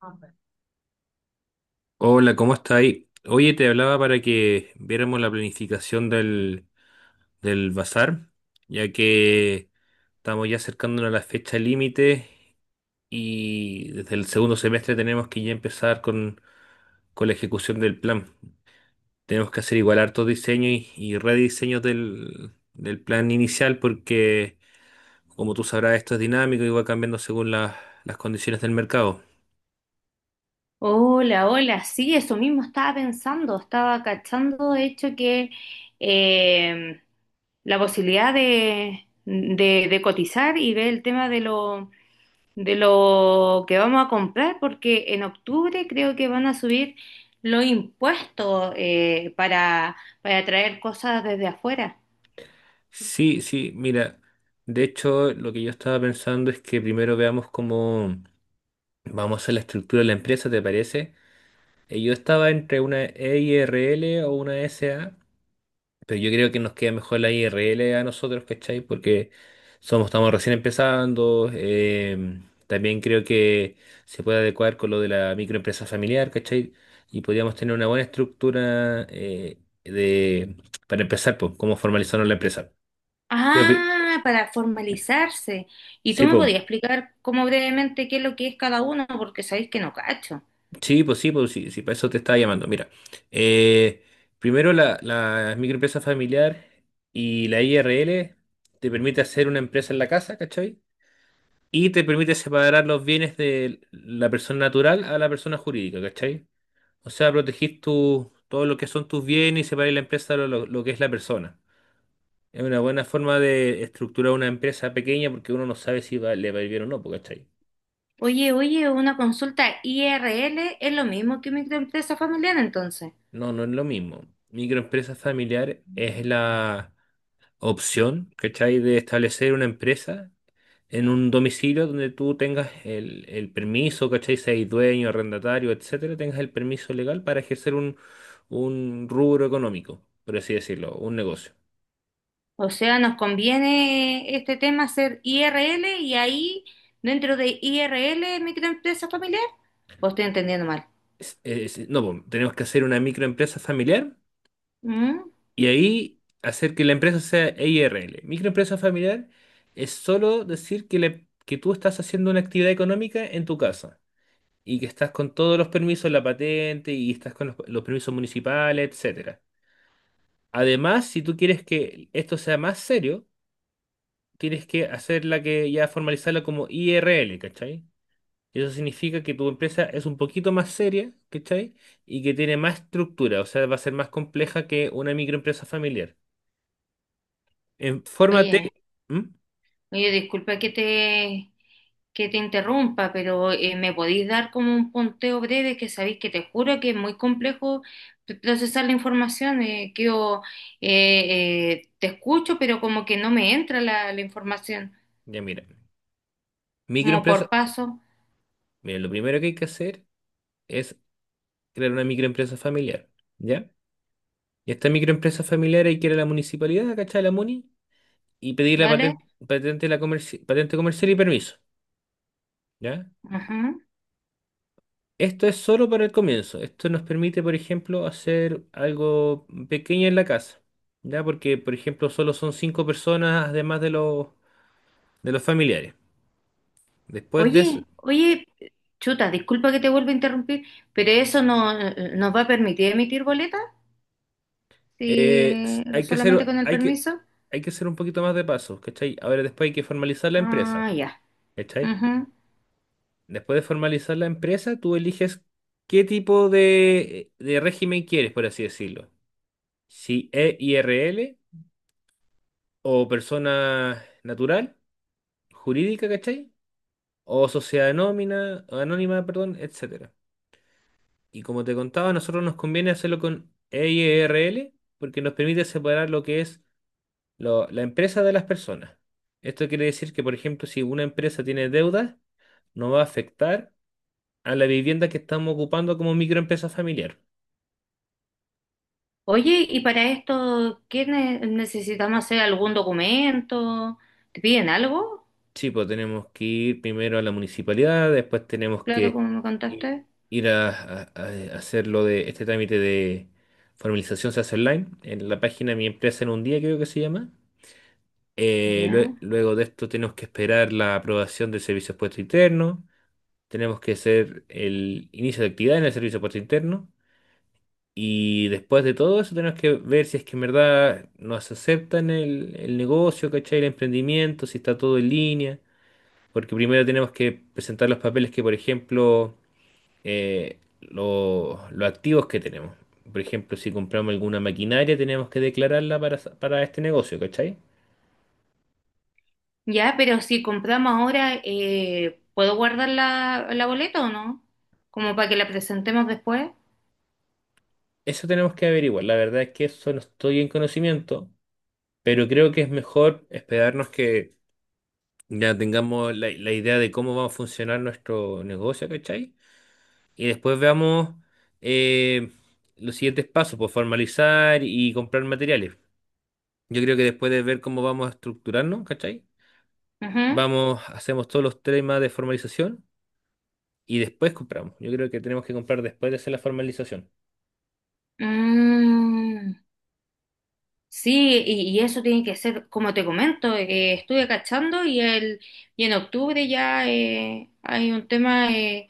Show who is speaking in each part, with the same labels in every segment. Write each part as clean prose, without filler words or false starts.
Speaker 1: Ajá. Hola, ¿cómo está ahí? Oye, te hablaba para que viéramos la planificación del bazar, ya que estamos ya acercándonos a la fecha límite y desde el segundo semestre tenemos que ya empezar con la ejecución del plan. Tenemos que hacer igual hartos diseños y rediseños del plan inicial porque, como tú sabrás, esto es dinámico y va cambiando según las condiciones del mercado.
Speaker 2: Hola, hola, sí, eso mismo estaba pensando, estaba cachando, de hecho, que eh, la posibilidad de, de cotizar y ver el tema de lo que vamos a comprar, porque en octubre creo que van a subir los impuestos para traer cosas desde afuera.
Speaker 1: Sí, sí, mira, de hecho lo que yo estaba pensando es que primero veamos cómo vamos a hacer la estructura de la empresa, ¿te parece? Yo estaba entre una EIRL o una SA, pero yo creo que nos queda mejor la IRL a nosotros, ¿cachai? Porque somos, estamos recién empezando, también creo que se puede adecuar con lo de la microempresa familiar, ¿cachai? Y podríamos tener una buena estructura de, para empezar, pues, cómo formalizarnos la empresa. ¿Qué opi-
Speaker 2: Ah, para formalizarse. ¿Y tú
Speaker 1: Sí,
Speaker 2: me
Speaker 1: pues.
Speaker 2: podías explicar como brevemente qué es lo que es cada uno? Porque sabéis que no cacho.
Speaker 1: Sí, pues sí, pues sí, sí, para eso te estaba llamando. Mira, eh, primero la microempresa familiar y la IRL te permite hacer una empresa en la casa, ¿cachai? Y te permite separar los bienes de la persona natural a la persona jurídica, ¿cachai? O sea, protegís todo lo que son tus bienes y separar la empresa de lo que es la persona. Es una buena forma de estructurar una empresa pequeña porque uno no sabe si le va a ir bien o no, pues, ¿cachai?
Speaker 2: Oye, oye, una consulta IRL es lo mismo que microempresa familiar entonces.
Speaker 1: No, no es lo mismo. Microempresa familiar es la opción, ¿cachai? De establecer una empresa en un domicilio donde tú tengas el permiso, ¿cachai? Seas dueño, arrendatario, etcétera, tengas el permiso legal para ejercer un rubro económico, por así decirlo, un negocio.
Speaker 2: O sea, nos conviene este tema hacer IRL y ahí dentro de IRL microempresa familiar. ¿O estoy entendiendo mal?
Speaker 1: No, po, tenemos que hacer una microempresa familiar
Speaker 2: ¿Mm?
Speaker 1: y ahí hacer que la empresa sea E I R L. Microempresa familiar es solo decir que que tú estás haciendo una actividad económica en tu casa, y que estás con todos los permisos, la patente y estás con los permisos municipales, etcétera. Además, si tú quieres que esto sea más serio, tienes que hacerla que ya formalizarla como IRL, ¿cachai? Y eso significa que tu empresa es un poquito más seria, ¿cachai? Y que tiene más estructura, o sea, va a ser más compleja que una microempresa familiar. Infórmate.
Speaker 2: Oye.
Speaker 1: ¿Mm?
Speaker 2: Oye, disculpa que te interrumpa, pero ¿me podéis dar como un punteo breve? Que sabéis que te juro que es muy complejo procesar la información. Te escucho, pero como que no me entra la, la información,
Speaker 1: Ya mira,
Speaker 2: como por
Speaker 1: microempresa.
Speaker 2: paso,
Speaker 1: Mira, lo primero que hay que hacer es crear una microempresa familiar, ¿ya? Y esta microempresa familiar hay que ir a la municipalidad, ¿cachai? A la MUNI y pedir
Speaker 2: ¿vale?
Speaker 1: patente, patente comercial y permiso, ¿ya?
Speaker 2: Ajá.
Speaker 1: Esto es solo para el comienzo. Esto nos permite, por ejemplo, hacer algo pequeño en la casa, ¿ya? Porque, por ejemplo, solo son cinco personas además de de los familiares. Después de eso,
Speaker 2: Oye, oye, chuta, disculpa que te vuelva a interrumpir, pero eso no, nos va a permitir emitir boletas, si
Speaker 1: hay que
Speaker 2: solamente
Speaker 1: hacer,
Speaker 2: con el permiso.
Speaker 1: hay que hacer un poquito más de pasos, ¿cachai? Ahora después hay que formalizar la empresa,
Speaker 2: Ah, ya.
Speaker 1: ¿cachai?
Speaker 2: Ujú.
Speaker 1: Después de formalizar la empresa, tú eliges qué tipo de régimen quieres, por así decirlo. Si EIRL o persona natural, jurídica, ¿cachai? O sociedad anónima, perdón, etcétera. Y como te contaba, a nosotros nos conviene hacerlo con EIRL porque nos permite separar lo que es la empresa de las personas. Esto quiere decir que, por ejemplo, si una empresa tiene deudas, no va a afectar a la vivienda que estamos ocupando como microempresa familiar.
Speaker 2: Oye, ¿y para esto qué necesitamos hacer? ¿Algún documento? ¿Te piden algo?
Speaker 1: Sí, pues tenemos que ir primero a la municipalidad, después tenemos
Speaker 2: Claro,
Speaker 1: que
Speaker 2: como me
Speaker 1: i-
Speaker 2: contaste.
Speaker 1: ir a hacer lo de este trámite de formalización, se hace online, en la página Mi Empresa en un día creo que se llama.
Speaker 2: Ya.
Speaker 1: Luego de esto tenemos que esperar la aprobación del servicio de puesto interno, tenemos que hacer el inicio de actividad en el servicio de puesto interno y después de todo eso tenemos que ver si es que en verdad nos aceptan el negocio, ¿cachai? El emprendimiento, si está todo en línea porque primero tenemos que presentar los papeles que, por ejemplo, los activos que tenemos. Por ejemplo, si compramos alguna maquinaria, tenemos que declararla para este negocio, ¿cachai?
Speaker 2: Ya, pero si compramos ahora, ¿puedo guardar la, la boleta o no? Como para que la presentemos después.
Speaker 1: Eso tenemos que averiguar. La verdad es que eso no estoy en conocimiento, pero creo que es mejor esperarnos que ya tengamos la idea de cómo va a funcionar nuestro negocio, ¿cachai? Y después veamos eh, los siguientes pasos, pues formalizar y comprar materiales. Yo creo que después de ver cómo vamos a estructurarnos, ¿cachai?
Speaker 2: Ujú.
Speaker 1: Vamos, hacemos todos los temas de formalización y después compramos. Yo creo que tenemos que comprar después de hacer la formalización.
Speaker 2: Mm, sí, y eso tiene que ser, como te comento, estuve cachando y, el, y en octubre ya hay un tema.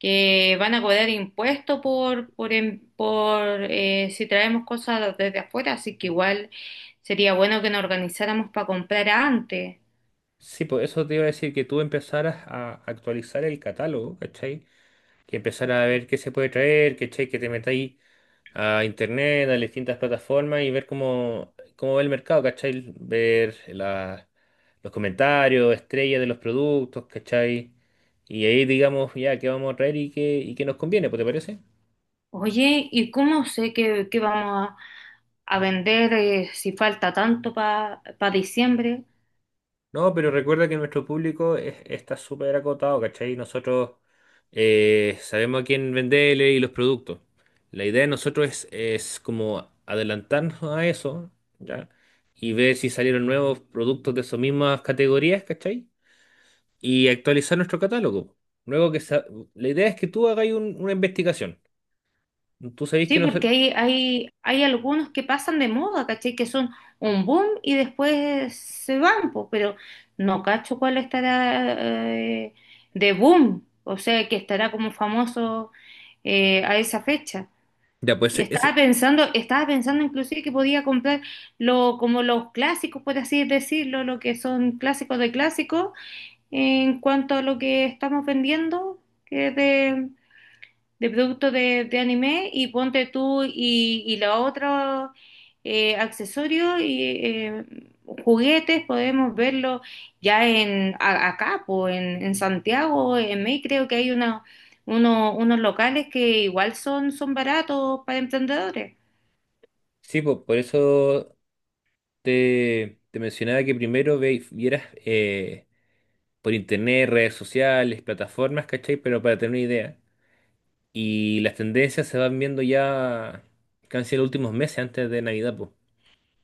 Speaker 2: Que van a cobrar impuestos por, si traemos cosas desde afuera, así que igual sería bueno que nos organizáramos para comprar antes.
Speaker 1: Sí, pues eso te iba a decir que tú empezaras a actualizar el catálogo, ¿cachai? Que empezaras a ver qué se puede traer, ¿cachai? Que te metáis a internet, a las distintas plataformas y ver cómo, cómo va el mercado, ¿cachai? Los comentarios, estrellas de los productos, ¿cachai? Y ahí digamos ya qué vamos a traer y qué nos conviene, pues, ¿te parece?
Speaker 2: Oye, ¿y cómo sé que vamos a vender si falta tanto para diciembre?
Speaker 1: No, pero recuerda que nuestro público está súper acotado, ¿cachai? Nosotros sabemos a quién venderle y los productos. La idea de nosotros es como adelantarnos a eso, ¿ya? Y ver si salieron nuevos productos de esas mismas categorías, ¿cachai? Y actualizar nuestro catálogo. Luego que sa- la idea es que tú hagas una investigación. Tú sabés
Speaker 2: Sí,
Speaker 1: que no sé.
Speaker 2: porque hay algunos que pasan de moda, ¿cachai? Que son un boom y después se van, po, pero no cacho cuál estará eh, de boom, o sea, que estará como famoso a esa fecha.
Speaker 1: Ya, pues
Speaker 2: Estaba pensando inclusive que podía comprar lo, como los clásicos, por así decirlo, lo que son clásicos de clásicos, en cuanto a lo que estamos vendiendo, que de productos de anime y ponte tú y los otros accesorios y juguetes podemos verlo ya en acá, po, en Santiago, en May creo que hay una, unos locales que igual son, son baratos para emprendedores.
Speaker 1: sí, pues, por eso te mencionaba que primero vieras por internet, redes sociales, plataformas, ¿cachai? Pero para tener una idea. Y las tendencias se van viendo ya casi en los últimos meses antes de Navidad, pues.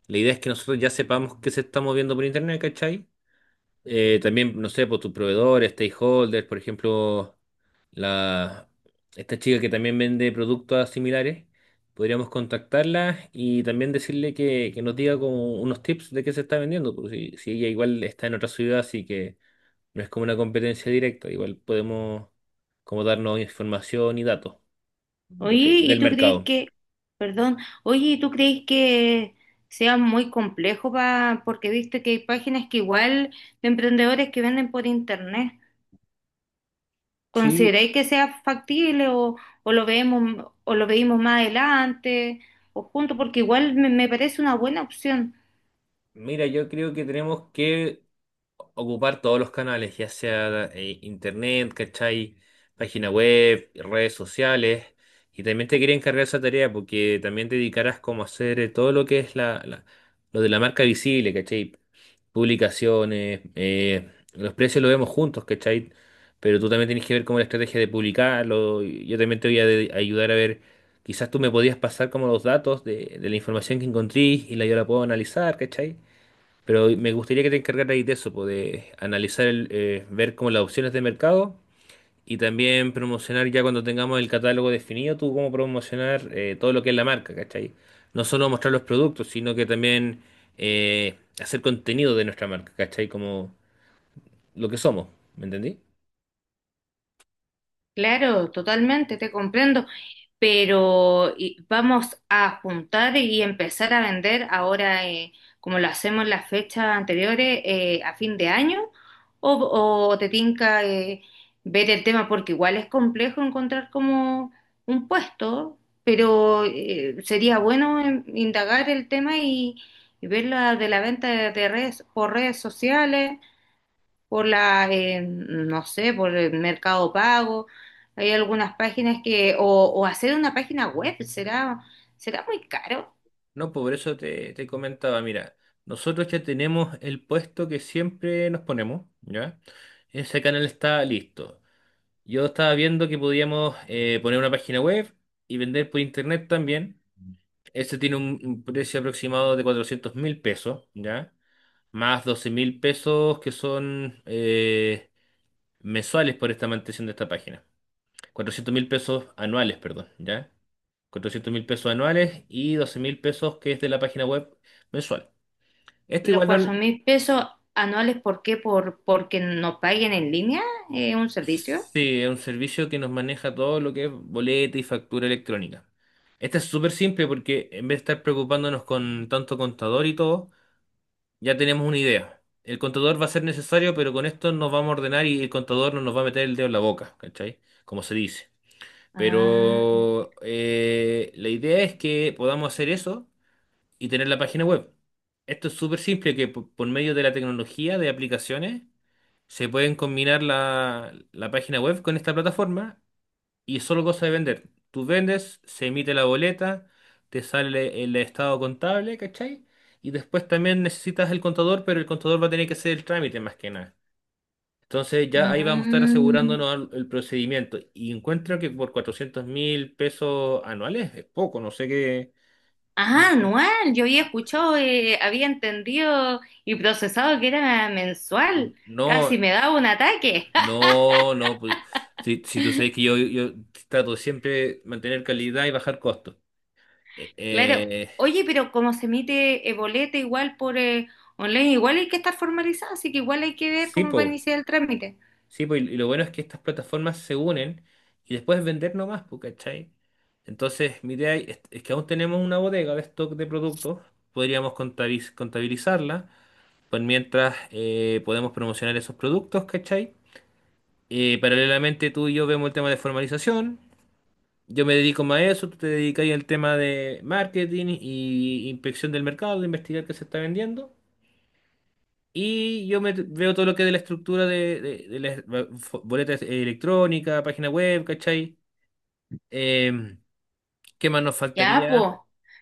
Speaker 1: La idea es que nosotros ya sepamos qué se está moviendo por internet, ¿cachai? También, no sé, por tus proveedores, stakeholders, por ejemplo, la, esta chica que también vende productos similares, podríamos contactarla y también decirle que nos diga como unos tips de qué se está vendiendo, pues, si, si ella igual está en otra ciudad, así que no es como una competencia directa, igual podemos como darnos información y datos
Speaker 2: Oye, ¿y
Speaker 1: del
Speaker 2: tú crees
Speaker 1: mercado.
Speaker 2: que, perdón, oye, ¿y tú crees que sea muy complejo porque viste que hay páginas que igual de emprendedores que venden por internet?
Speaker 1: Sí,
Speaker 2: ¿Consideráis que sea factible o lo vemos o lo veimos más adelante o juntos? Porque igual me, me parece una buena opción.
Speaker 1: mira, yo creo que tenemos que ocupar todos los canales, ya sea internet, ¿cachai? Página web, redes sociales. Y también te quería encargar esa tarea porque también te dedicarás como a hacer todo lo que es lo de la marca visible, ¿cachai? Publicaciones, los precios los vemos juntos, ¿cachai? Pero tú también tienes que ver como la estrategia de publicarlo. Y yo también te voy a ayudar a ver, quizás tú me podías pasar como los datos de la información que encontré y la yo la puedo analizar, ¿cachai? Pero me gustaría que te encargarais de eso, po, de analizar, el, ver como las opciones de mercado y también promocionar ya cuando tengamos el catálogo definido, tú cómo promocionar todo lo que es la marca, ¿cachai? No solo mostrar los productos, sino que también hacer contenido de nuestra marca, ¿cachai? Como lo que somos, ¿me entendí?
Speaker 2: Claro, totalmente, te comprendo, pero vamos a juntar y empezar a vender ahora, como lo hacemos en las fechas anteriores, a fin de año, o, o te tinca ver el tema, porque igual es complejo encontrar como un puesto, pero sería bueno indagar el tema y ver la de la venta de redes por redes sociales por la, no sé, por el Mercado Pago. Hay algunas páginas que, o hacer una página web, será, será muy caro.
Speaker 1: No, po, por eso te comentaba, mira, nosotros ya tenemos el puesto que siempre nos ponemos, ¿ya? Ese canal está listo. Yo estaba viendo que podíamos poner una página web y vender por internet también. Este tiene un precio aproximado de $400.000, ¿ya? Más $12.000 que son mensuales por esta mantención de esta página. $400.000 anuales, perdón, ¿ya? $400.000 anuales y $12.000 que es de la página web mensual.
Speaker 2: Y
Speaker 1: Esto
Speaker 2: los
Speaker 1: igual no,
Speaker 2: 4000 pesos anuales, ¿por qué? Por, porque nos paguen en línea un servicio.
Speaker 1: sí, es un servicio que nos maneja todo lo que es boleta y factura electrónica. Esta es súper simple porque en vez de estar preocupándonos con tanto contador y todo, ya tenemos una idea. El contador va a ser necesario, pero con esto nos vamos a ordenar y el contador no nos va a meter el dedo en la boca, ¿cachai? Como se dice.
Speaker 2: Ah,
Speaker 1: Pero la idea es que podamos hacer eso y tener la página web. Esto es súper simple que por medio de la tecnología de aplicaciones se pueden combinar la página web con esta plataforma y es solo cosa de vender. Tú vendes, se emite la boleta, te sale el estado contable, ¿cachai? Y después también necesitas el contador, pero el contador va a tener que hacer el trámite más que nada. Entonces ya ahí vamos a estar
Speaker 2: mm.
Speaker 1: asegurándonos el procedimiento. Y encuentro que por $400.000 anuales es poco, no sé qué.
Speaker 2: Ah, anual. Yo había
Speaker 1: Ah.
Speaker 2: escuchado, había entendido y procesado que era mensual. Casi
Speaker 1: No,
Speaker 2: me daba un ataque.
Speaker 1: no, no, pues, si, si tú sabes que yo trato siempre de mantener calidad y bajar costos. Eh,
Speaker 2: Claro,
Speaker 1: eh,
Speaker 2: oye, pero como se emite boleta igual por online, igual hay que estar formalizado, así que igual hay que ver
Speaker 1: sí,
Speaker 2: cómo va a
Speaker 1: pues.
Speaker 2: iniciar el trámite.
Speaker 1: Sí, pues, y lo bueno es que estas plataformas se unen y después vender nomás, pues, ¿cachai? Entonces, mi idea es que aún tenemos una bodega de stock de productos, podríamos contabilizarla, pues mientras podemos promocionar esos productos, ¿cachai? Paralelamente tú y yo vemos el tema de formalización, yo me dedico más a eso, tú te dedicas al tema de marketing y inspección del mercado, de investigar qué se está vendiendo. Y yo me veo todo lo que es de la estructura de las boletas electrónicas, página web, ¿cachai? Em, ¿Qué más nos
Speaker 2: Ya,
Speaker 1: faltaría?
Speaker 2: pues,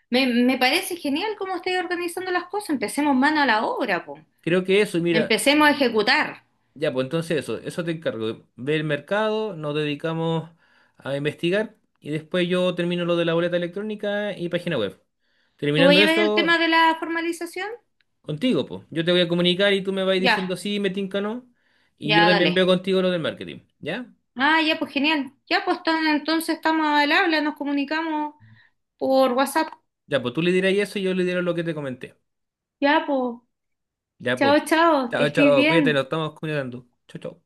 Speaker 2: me parece genial cómo estáis organizando las cosas. Empecemos mano a la obra, pues.
Speaker 1: Creo que eso, mira,
Speaker 2: Empecemos a ejecutar.
Speaker 1: ya, pues entonces eso te encargo. Ve el mercado, nos dedicamos a investigar y después yo termino lo de la boleta electrónica y página web.
Speaker 2: ¿Tú vas
Speaker 1: Terminando
Speaker 2: a ver el
Speaker 1: eso,
Speaker 2: tema de la formalización?
Speaker 1: contigo, pues. Yo te voy a comunicar y tú me vas
Speaker 2: Ya,
Speaker 1: diciendo sí, me tinca no. Y yo
Speaker 2: ya,
Speaker 1: también
Speaker 2: dale.
Speaker 1: veo contigo lo del marketing, ¿ya?
Speaker 2: Ah, ya, pues genial. Ya, pues entonces estamos al habla, nos comunicamos por WhatsApp.
Speaker 1: Ya, pues tú le dirás eso y yo le diré lo que te comenté.
Speaker 2: Ya, pues,
Speaker 1: Ya, pues.
Speaker 2: chao, chao, que
Speaker 1: Chao,
Speaker 2: estéis
Speaker 1: chao. Cuídate,
Speaker 2: bien.
Speaker 1: nos estamos cuidando. Chao, chao.